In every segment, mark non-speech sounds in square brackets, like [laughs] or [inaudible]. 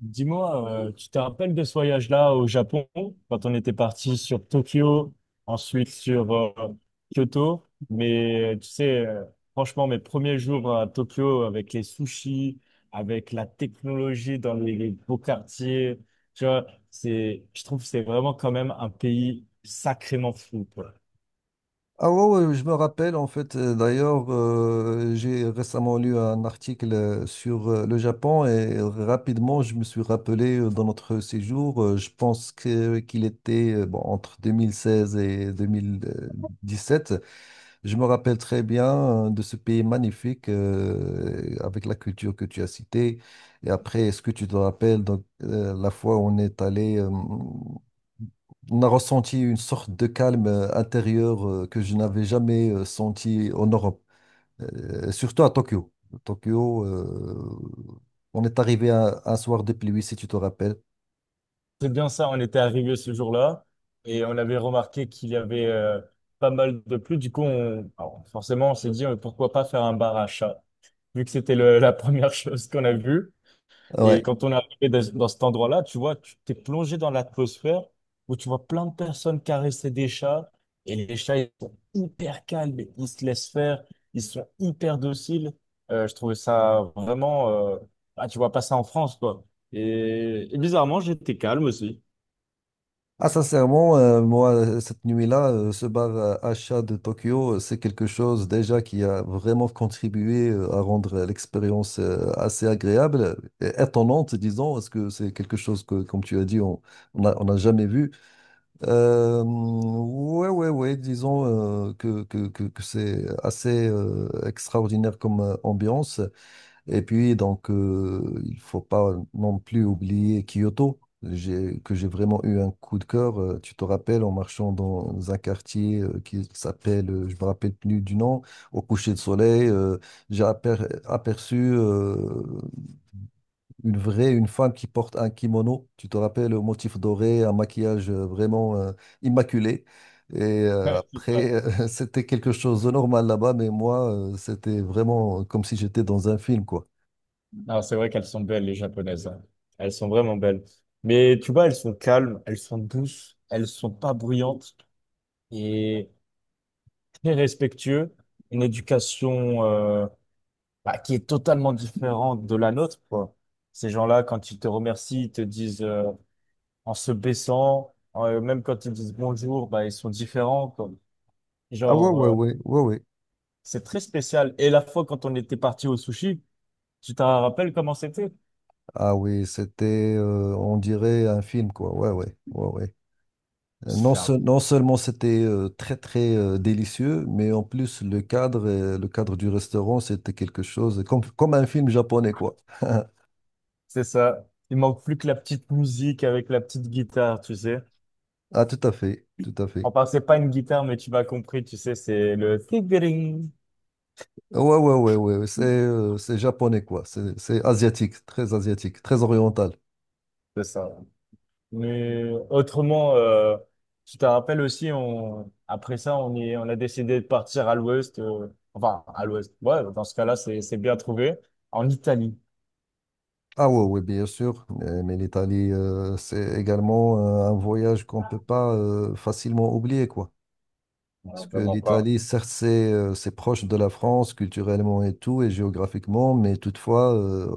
Dis-moi, tu te rappelles de ce voyage-là au Japon, quand on était parti sur Tokyo, ensuite sur Kyoto, mais tu sais, franchement, mes premiers jours à Tokyo avec les sushis, avec la technologie dans les beaux quartiers, tu vois, c'est, je trouve que c'est vraiment quand même un pays sacrément fou, quoi. Ah ouais, ouais, je me rappelle en fait. D'ailleurs, j'ai récemment lu un article sur le Japon et rapidement, je me suis rappelé dans notre séjour. Je pense que qu'il était bon, entre 2016 et 2017. Je me rappelle très bien de ce pays magnifique avec la culture que tu as citée. Et après, est-ce que tu te rappelles donc, la fois où on est allé, on a ressenti une sorte de calme intérieur que je n'avais jamais senti en Europe, surtout à Tokyo. Tokyo, on est arrivé un soir de pluie, si tu te rappelles. C'est bien ça, on était arrivé ce jour-là et on avait remarqué qu'il y avait pas mal de pluie. Du coup, alors, forcément, on s'est dit pourquoi pas faire un bar à chat, vu que c'était la [laughs] première chose qu'on a vue. Et Ouais. quand on est arrivé dans cet endroit-là, tu vois, tu t'es plongé dans l'atmosphère où tu vois plein de personnes caresser des chats. Et les chats, ils sont hyper calmes, ils se laissent faire, ils sont hyper dociles. Je trouvais ça vraiment. Ah, tu vois pas ça en France, quoi. Et bizarrement, j'étais calme aussi. Ah, sincèrement, moi, cette nuit-là, ce bar Acha de Tokyo, c'est quelque chose déjà qui a vraiment contribué à rendre l'expérience assez agréable, et étonnante, disons, parce que c'est quelque chose que, comme tu as dit, on n'a jamais vu. Ouais, ouais, ouais, disons que c'est assez extraordinaire comme ambiance. Et puis, donc, il faut pas non plus oublier Kyoto, que j'ai vraiment eu un coup de cœur. Tu te rappelles, en marchant dans un quartier qui s'appelle, je me rappelle plus du nom, au coucher de soleil, j'ai aperçu une femme qui porte un kimono. Tu te rappelles, au motif doré, un maquillage vraiment immaculé. Et Ouais, c'est ça. après, [laughs] c'était quelque chose de normal là-bas, mais moi, c'était vraiment comme si j'étais dans un film, quoi. Non, c'est vrai qu'elles sont belles, les japonaises, hein. Elles sont vraiment belles. Mais tu vois, elles sont calmes, elles sont douces, elles sont pas bruyantes et très respectueuses. Une éducation bah, qui est totalement différente de la nôtre, quoi. Ces gens-là, quand ils te remercient, ils te disent en se baissant, même quand ils disent bonjour, bah, ils sont différents, quoi. Ah ouais, ouais, Genre, ouais, ouais, ouais. c'est très spécial. Et la fois quand on était parti au sushi, tu te rappelles comment c'était? Ah oui, c'était, on dirait, un film, quoi. Ouais, ouais, ouais, ouais. Non, non seulement c'était très, très délicieux, mais en plus, le cadre, le cadre du restaurant, c'était quelque chose comme un film japonais, quoi. [laughs] C'est ça. Il manque plus que la petite musique avec la petite guitare, tu sais. Ah, tout à fait, tout à fait. Enfin, c'est pas une guitare, mais tu m'as compris, tu sais, c'est le tigring. Ouais, ouais, ouais, ouais, ouais, ouais, c'est japonais, quoi. C'est asiatique, très oriental. C'est ça. Mais autrement, tu te rappelles aussi, on, après ça, on est, on a décidé de partir à l'ouest, enfin, à l'ouest. Ouais, dans ce cas-là, c'est bien trouvé. En Italie. Ah ouais, ouais, bien sûr. Mais l'Italie, c'est également un voyage qu'on ne peut pas facilement oublier, quoi. Ouais, Parce que vraiment pas. l'Italie, certes, c'est proche de la France culturellement et tout, et géographiquement, mais toutefois,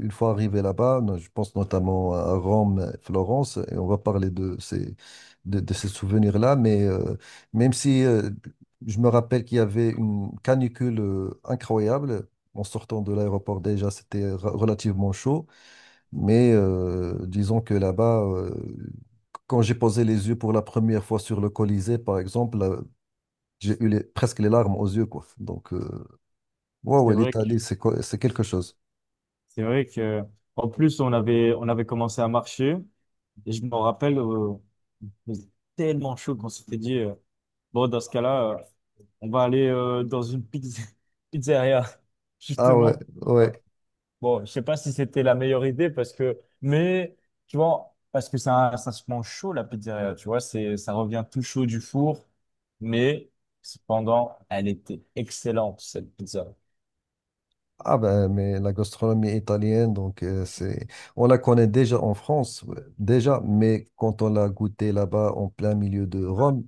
une fois arrivé là-bas, je pense notamment à Rome, Florence, et on va parler de ces souvenirs-là, mais même si je me rappelle qu'il y avait une canicule incroyable, en sortant de l'aéroport déjà, c'était relativement chaud, mais disons que là-bas, quand j'ai posé les yeux pour la première fois sur le Colisée, par exemple, là, j'ai eu presque les larmes aux yeux, quoi. Donc, ouais, C'est ouais, vrai que, l'Italie, c'est quelque chose. c'est vrai que, en plus, on avait commencé à marcher. Et je me rappelle, il faisait tellement chaud qu'on s'était dit, bon, dans ce cas-là, on va aller dans une [laughs] pizzeria, Ah ouais, justement. Euh, ouais. bon, je sais pas si c'était la meilleure idée parce que, mais tu vois, parce que ça se mange chaud la pizzeria, tu vois, c'est, ça revient tout chaud du four, mais cependant, elle était excellente cette pizza. Ah ben, mais la gastronomie italienne, donc on la connaît déjà en France, ouais, déjà, mais quand on l'a goûtée là-bas en plein milieu de Rome,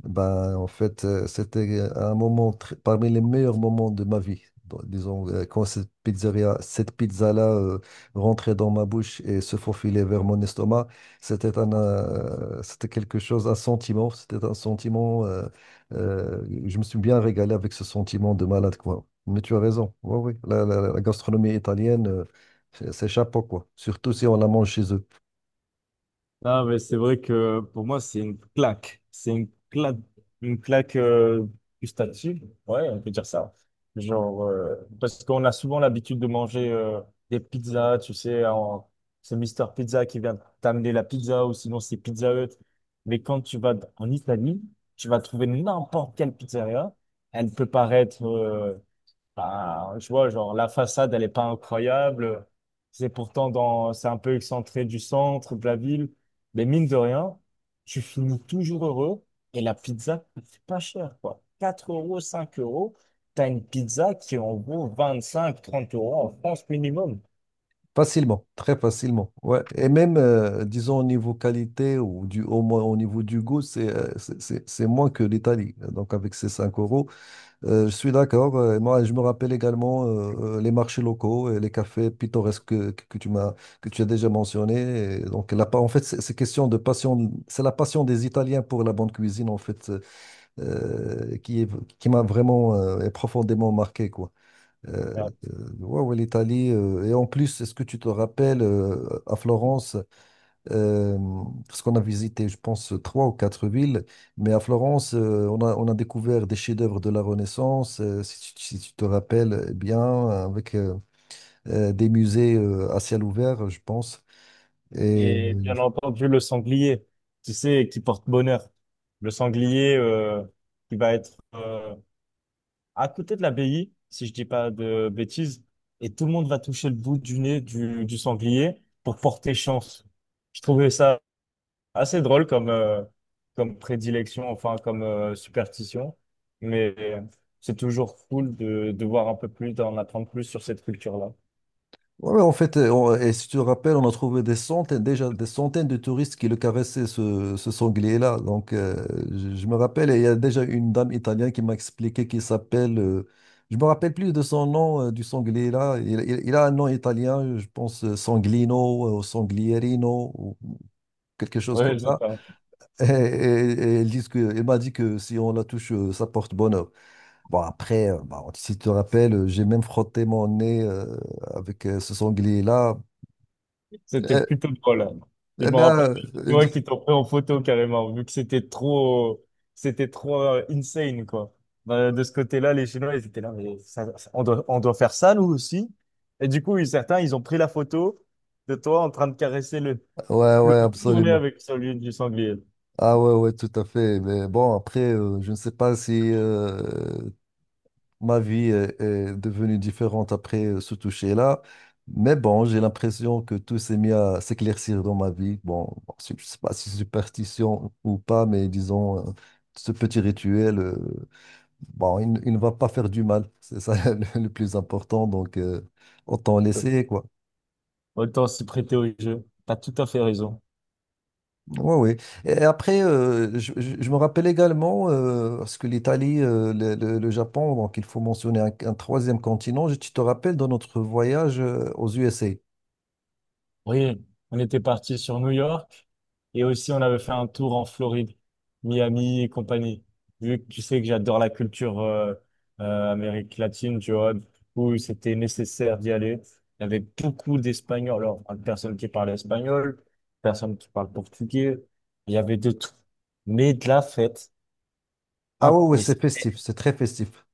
ben en fait c'était un moment parmi les meilleurs moments de ma vie. Donc, disons quand cette pizzeria, cette pizza-là rentrait dans ma bouche et se faufilait vers mon estomac, c'était quelque chose, un sentiment, c'était un sentiment. Je me suis bien régalé avec ce sentiment de malade, quoi. Mais tu as raison. Oui, oui. La gastronomie italienne, c'est chapeau, quoi. Surtout si on la mange chez eux. Non, mais c'est vrai que pour moi, c'est une claque. C'est une claque gustative. Ouais, on peut dire ça. Genre, parce qu'on a souvent l'habitude de manger des pizzas, tu sais, en- c'est Mister Pizza qui vient t'amener la pizza ou sinon c'est Pizza Hut. Mais quand tu vas en Italie, tu vas trouver n'importe quelle pizzeria. Elle peut paraître enfin, je vois, genre, la façade, elle est pas incroyable. C'est pourtant dans, c'est un peu excentré du centre, de la ville. Mais mine de rien, tu finis toujours heureux. Et la pizza, c'est pas cher, quoi. 4 euros, 5 euros. T'as une pizza qui en vaut 25 30 euros en France minimum. Facilement, très facilement. Ouais. Et même, disons, au niveau qualité au moins au niveau du goût, c'est moins que l'Italie. Donc, avec ces 5 euros, je suis d'accord. Et moi, je me rappelle également les marchés locaux et les cafés pittoresques que tu as déjà mentionné. Et donc, en fait, c'est question de passion. C'est la passion des Italiens pour la bonne cuisine, en fait, qui m'a vraiment et profondément marqué, quoi. Euh, Voilà. Ouais, ouais, l'Italie. Et en plus, est-ce que tu te rappelles à Florence? Euh, Parce qu'on a visité, je pense, trois ou quatre villes, mais à Florence, on a découvert des chefs-d'œuvre de la Renaissance, si tu te rappelles eh bien, avec des musées à ciel ouvert, je pense. Et Et bien entendu, le sanglier, tu sais, qui porte bonheur. Le sanglier, qui va être, à côté de l'abbaye, si je dis pas de bêtises, et tout le monde va toucher le bout du nez du sanglier pour porter chance. Je trouvais ça assez drôle comme, comme prédilection, enfin comme superstition, mais c'est toujours cool de voir un peu plus, d'en apprendre plus sur cette culture-là. ouais, ouais, en fait, et si tu te rappelles, on a trouvé déjà des centaines de touristes qui le caressaient, ce sanglier-là. Donc, je me rappelle, et il y a déjà une dame italienne qui m'a expliqué qu'il s'appelle, je me rappelle plus de son nom, du sanglier-là. Il a un nom italien, je pense Sanglino ou Sanglierino ou quelque chose Ouais, comme je sais ça. pas. Et il m'a dit que si on la touche, ça porte bonheur. Bon, après, bah, si tu te rappelles, j'ai même frotté mon nez avec ce sanglier-là. C'était Euh, plutôt drôle, hein. Je Eh me rappelle des Chinois bien, qui t'ont pris en photo carrément, vu que c'était trop insane, quoi. De ce côté-là, les Chinois, ils étaient là, mais on doit faire ça, nous aussi. Et du coup, ils- certains, ils ont pris la photo de toi en train de caresser ouais, le ouais, tourner absolument. avec celui du sanglier. Ah ouais, ouais, tout à fait. Mais bon, après, je ne sais pas si ma vie est devenue différente après ce toucher-là. Mais bon, j'ai l'impression que tout s'est mis à s'éclaircir dans ma vie. Bon, bon, je ne sais pas si c'est superstition ou pas, mais disons, ce petit rituel, bon, il ne va pas faire du mal. C'est ça [laughs] le plus important. Donc, autant laisser, quoi. Autant s'y prêter au jeu. T'as tout à fait raison. Ouais, ouais. Et après, je me rappelle également, parce que l'Italie, le Japon, donc il faut mentionner un troisième continent. Tu te rappelles de notre voyage aux USA. Oui, on était parti sur New York et aussi on avait fait un tour en Floride, Miami et compagnie. Vu que tu sais que j'adore la culture Amérique latine, tu vois, du coup c'était nécessaire d'y aller. Il y avait beaucoup d'Espagnols, alors hein, personne qui parlait espagnol, personne qui parle portugais, il y avait de tout. Mais de la fête, Ah ouais, imp- ouais, mais. c'est festif, c'est très festif.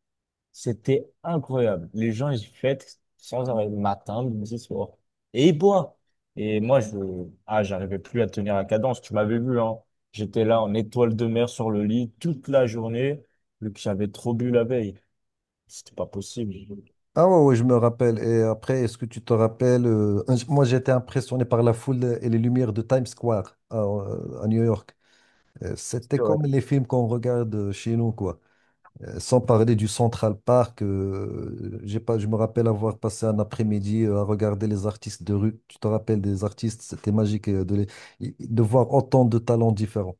C'était incroyable. Les gens, ils fêtent sans arrêt, matin, midi, soir. Et ils boivent. Et moi, je, ah, j'arrivais plus à tenir la cadence. Tu m'avais vu, hein. J'étais là en étoile de mer sur le lit toute la journée, vu que j'avais trop bu la veille. C'était pas possible. Ah ouais, ouais, je me rappelle. Et après, est-ce que tu te rappelles, moi j'étais impressionné par la foule et les lumières de Times Square à New York. C'était C'est vrai. comme les films qu'on regarde chez nous, quoi. Sans parler du Central Park, j'ai pas, je me rappelle avoir passé un après-midi à regarder les artistes de rue. Tu te rappelles des artistes, c'était magique de voir autant de talents différents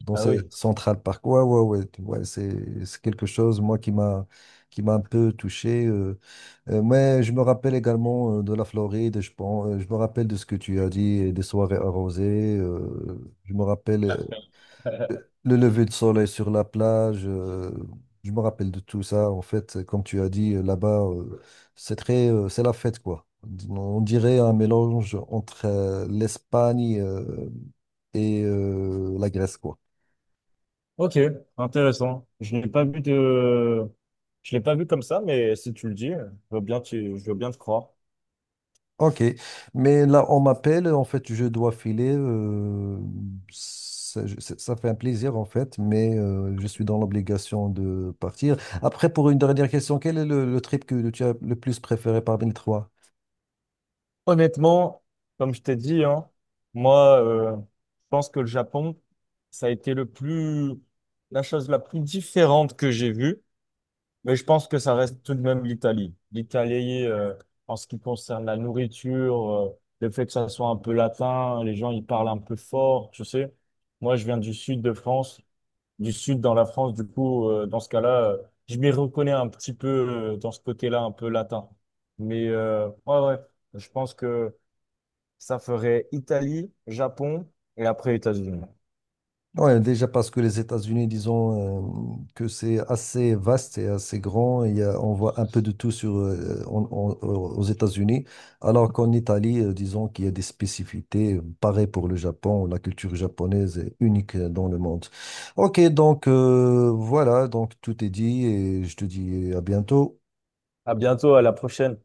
dans Bah ce oui. Central Park. Ouais, ouais, ouais, ouais, c'est quelque chose, moi, qui m'a un peu touché. Mais je me rappelle également de la Floride, je pense, je me rappelle de ce que tu as dit, et des soirées arrosées. Je me rappelle le lever de soleil sur la plage, je me rappelle de tout ça. En fait, comme tu as dit, là-bas, c'est la fête, quoi. On dirait un mélange entre l'Espagne et la Grèce, quoi. Ok, intéressant. Je l'ai pas vu de, je l'ai pas vu comme ça, mais si tu le dis, je veux bien, je veux bien te croire. Ok, mais là, on m'appelle, en fait, je dois filer. Ça fait un plaisir, en fait, mais je suis dans l'obligation de partir. Après, pour une dernière question, quel est le trip que tu as le plus préféré parmi les trois? Honnêtement, comme je t'ai dit, hein, moi, je pense que le Japon, ça a été le plus, la chose la plus différente que j'ai vue, mais je pense que ça reste tout de même l'Italie. L'Italie, en ce qui concerne la nourriture, le fait que ça soit un peu latin, les gens, ils parlent un peu fort, tu sais. Moi, je viens du sud de France, du sud dans la France, du coup, dans ce cas-là, je m'y reconnais un petit peu, dans ce côté-là, un peu latin. Mais, ouais, ouais, je pense que ça ferait Italie, Japon et après États-Unis. Ouais, déjà parce que les États-Unis, disons que c'est assez vaste et assez grand, on voit un peu de tout aux États-Unis, alors qu'en Italie, disons qu'il y a des spécificités, pareil pour le Japon, la culture japonaise est unique dans le monde. Ok, donc voilà, donc tout est dit et je te dis à bientôt. À bientôt, à la prochaine.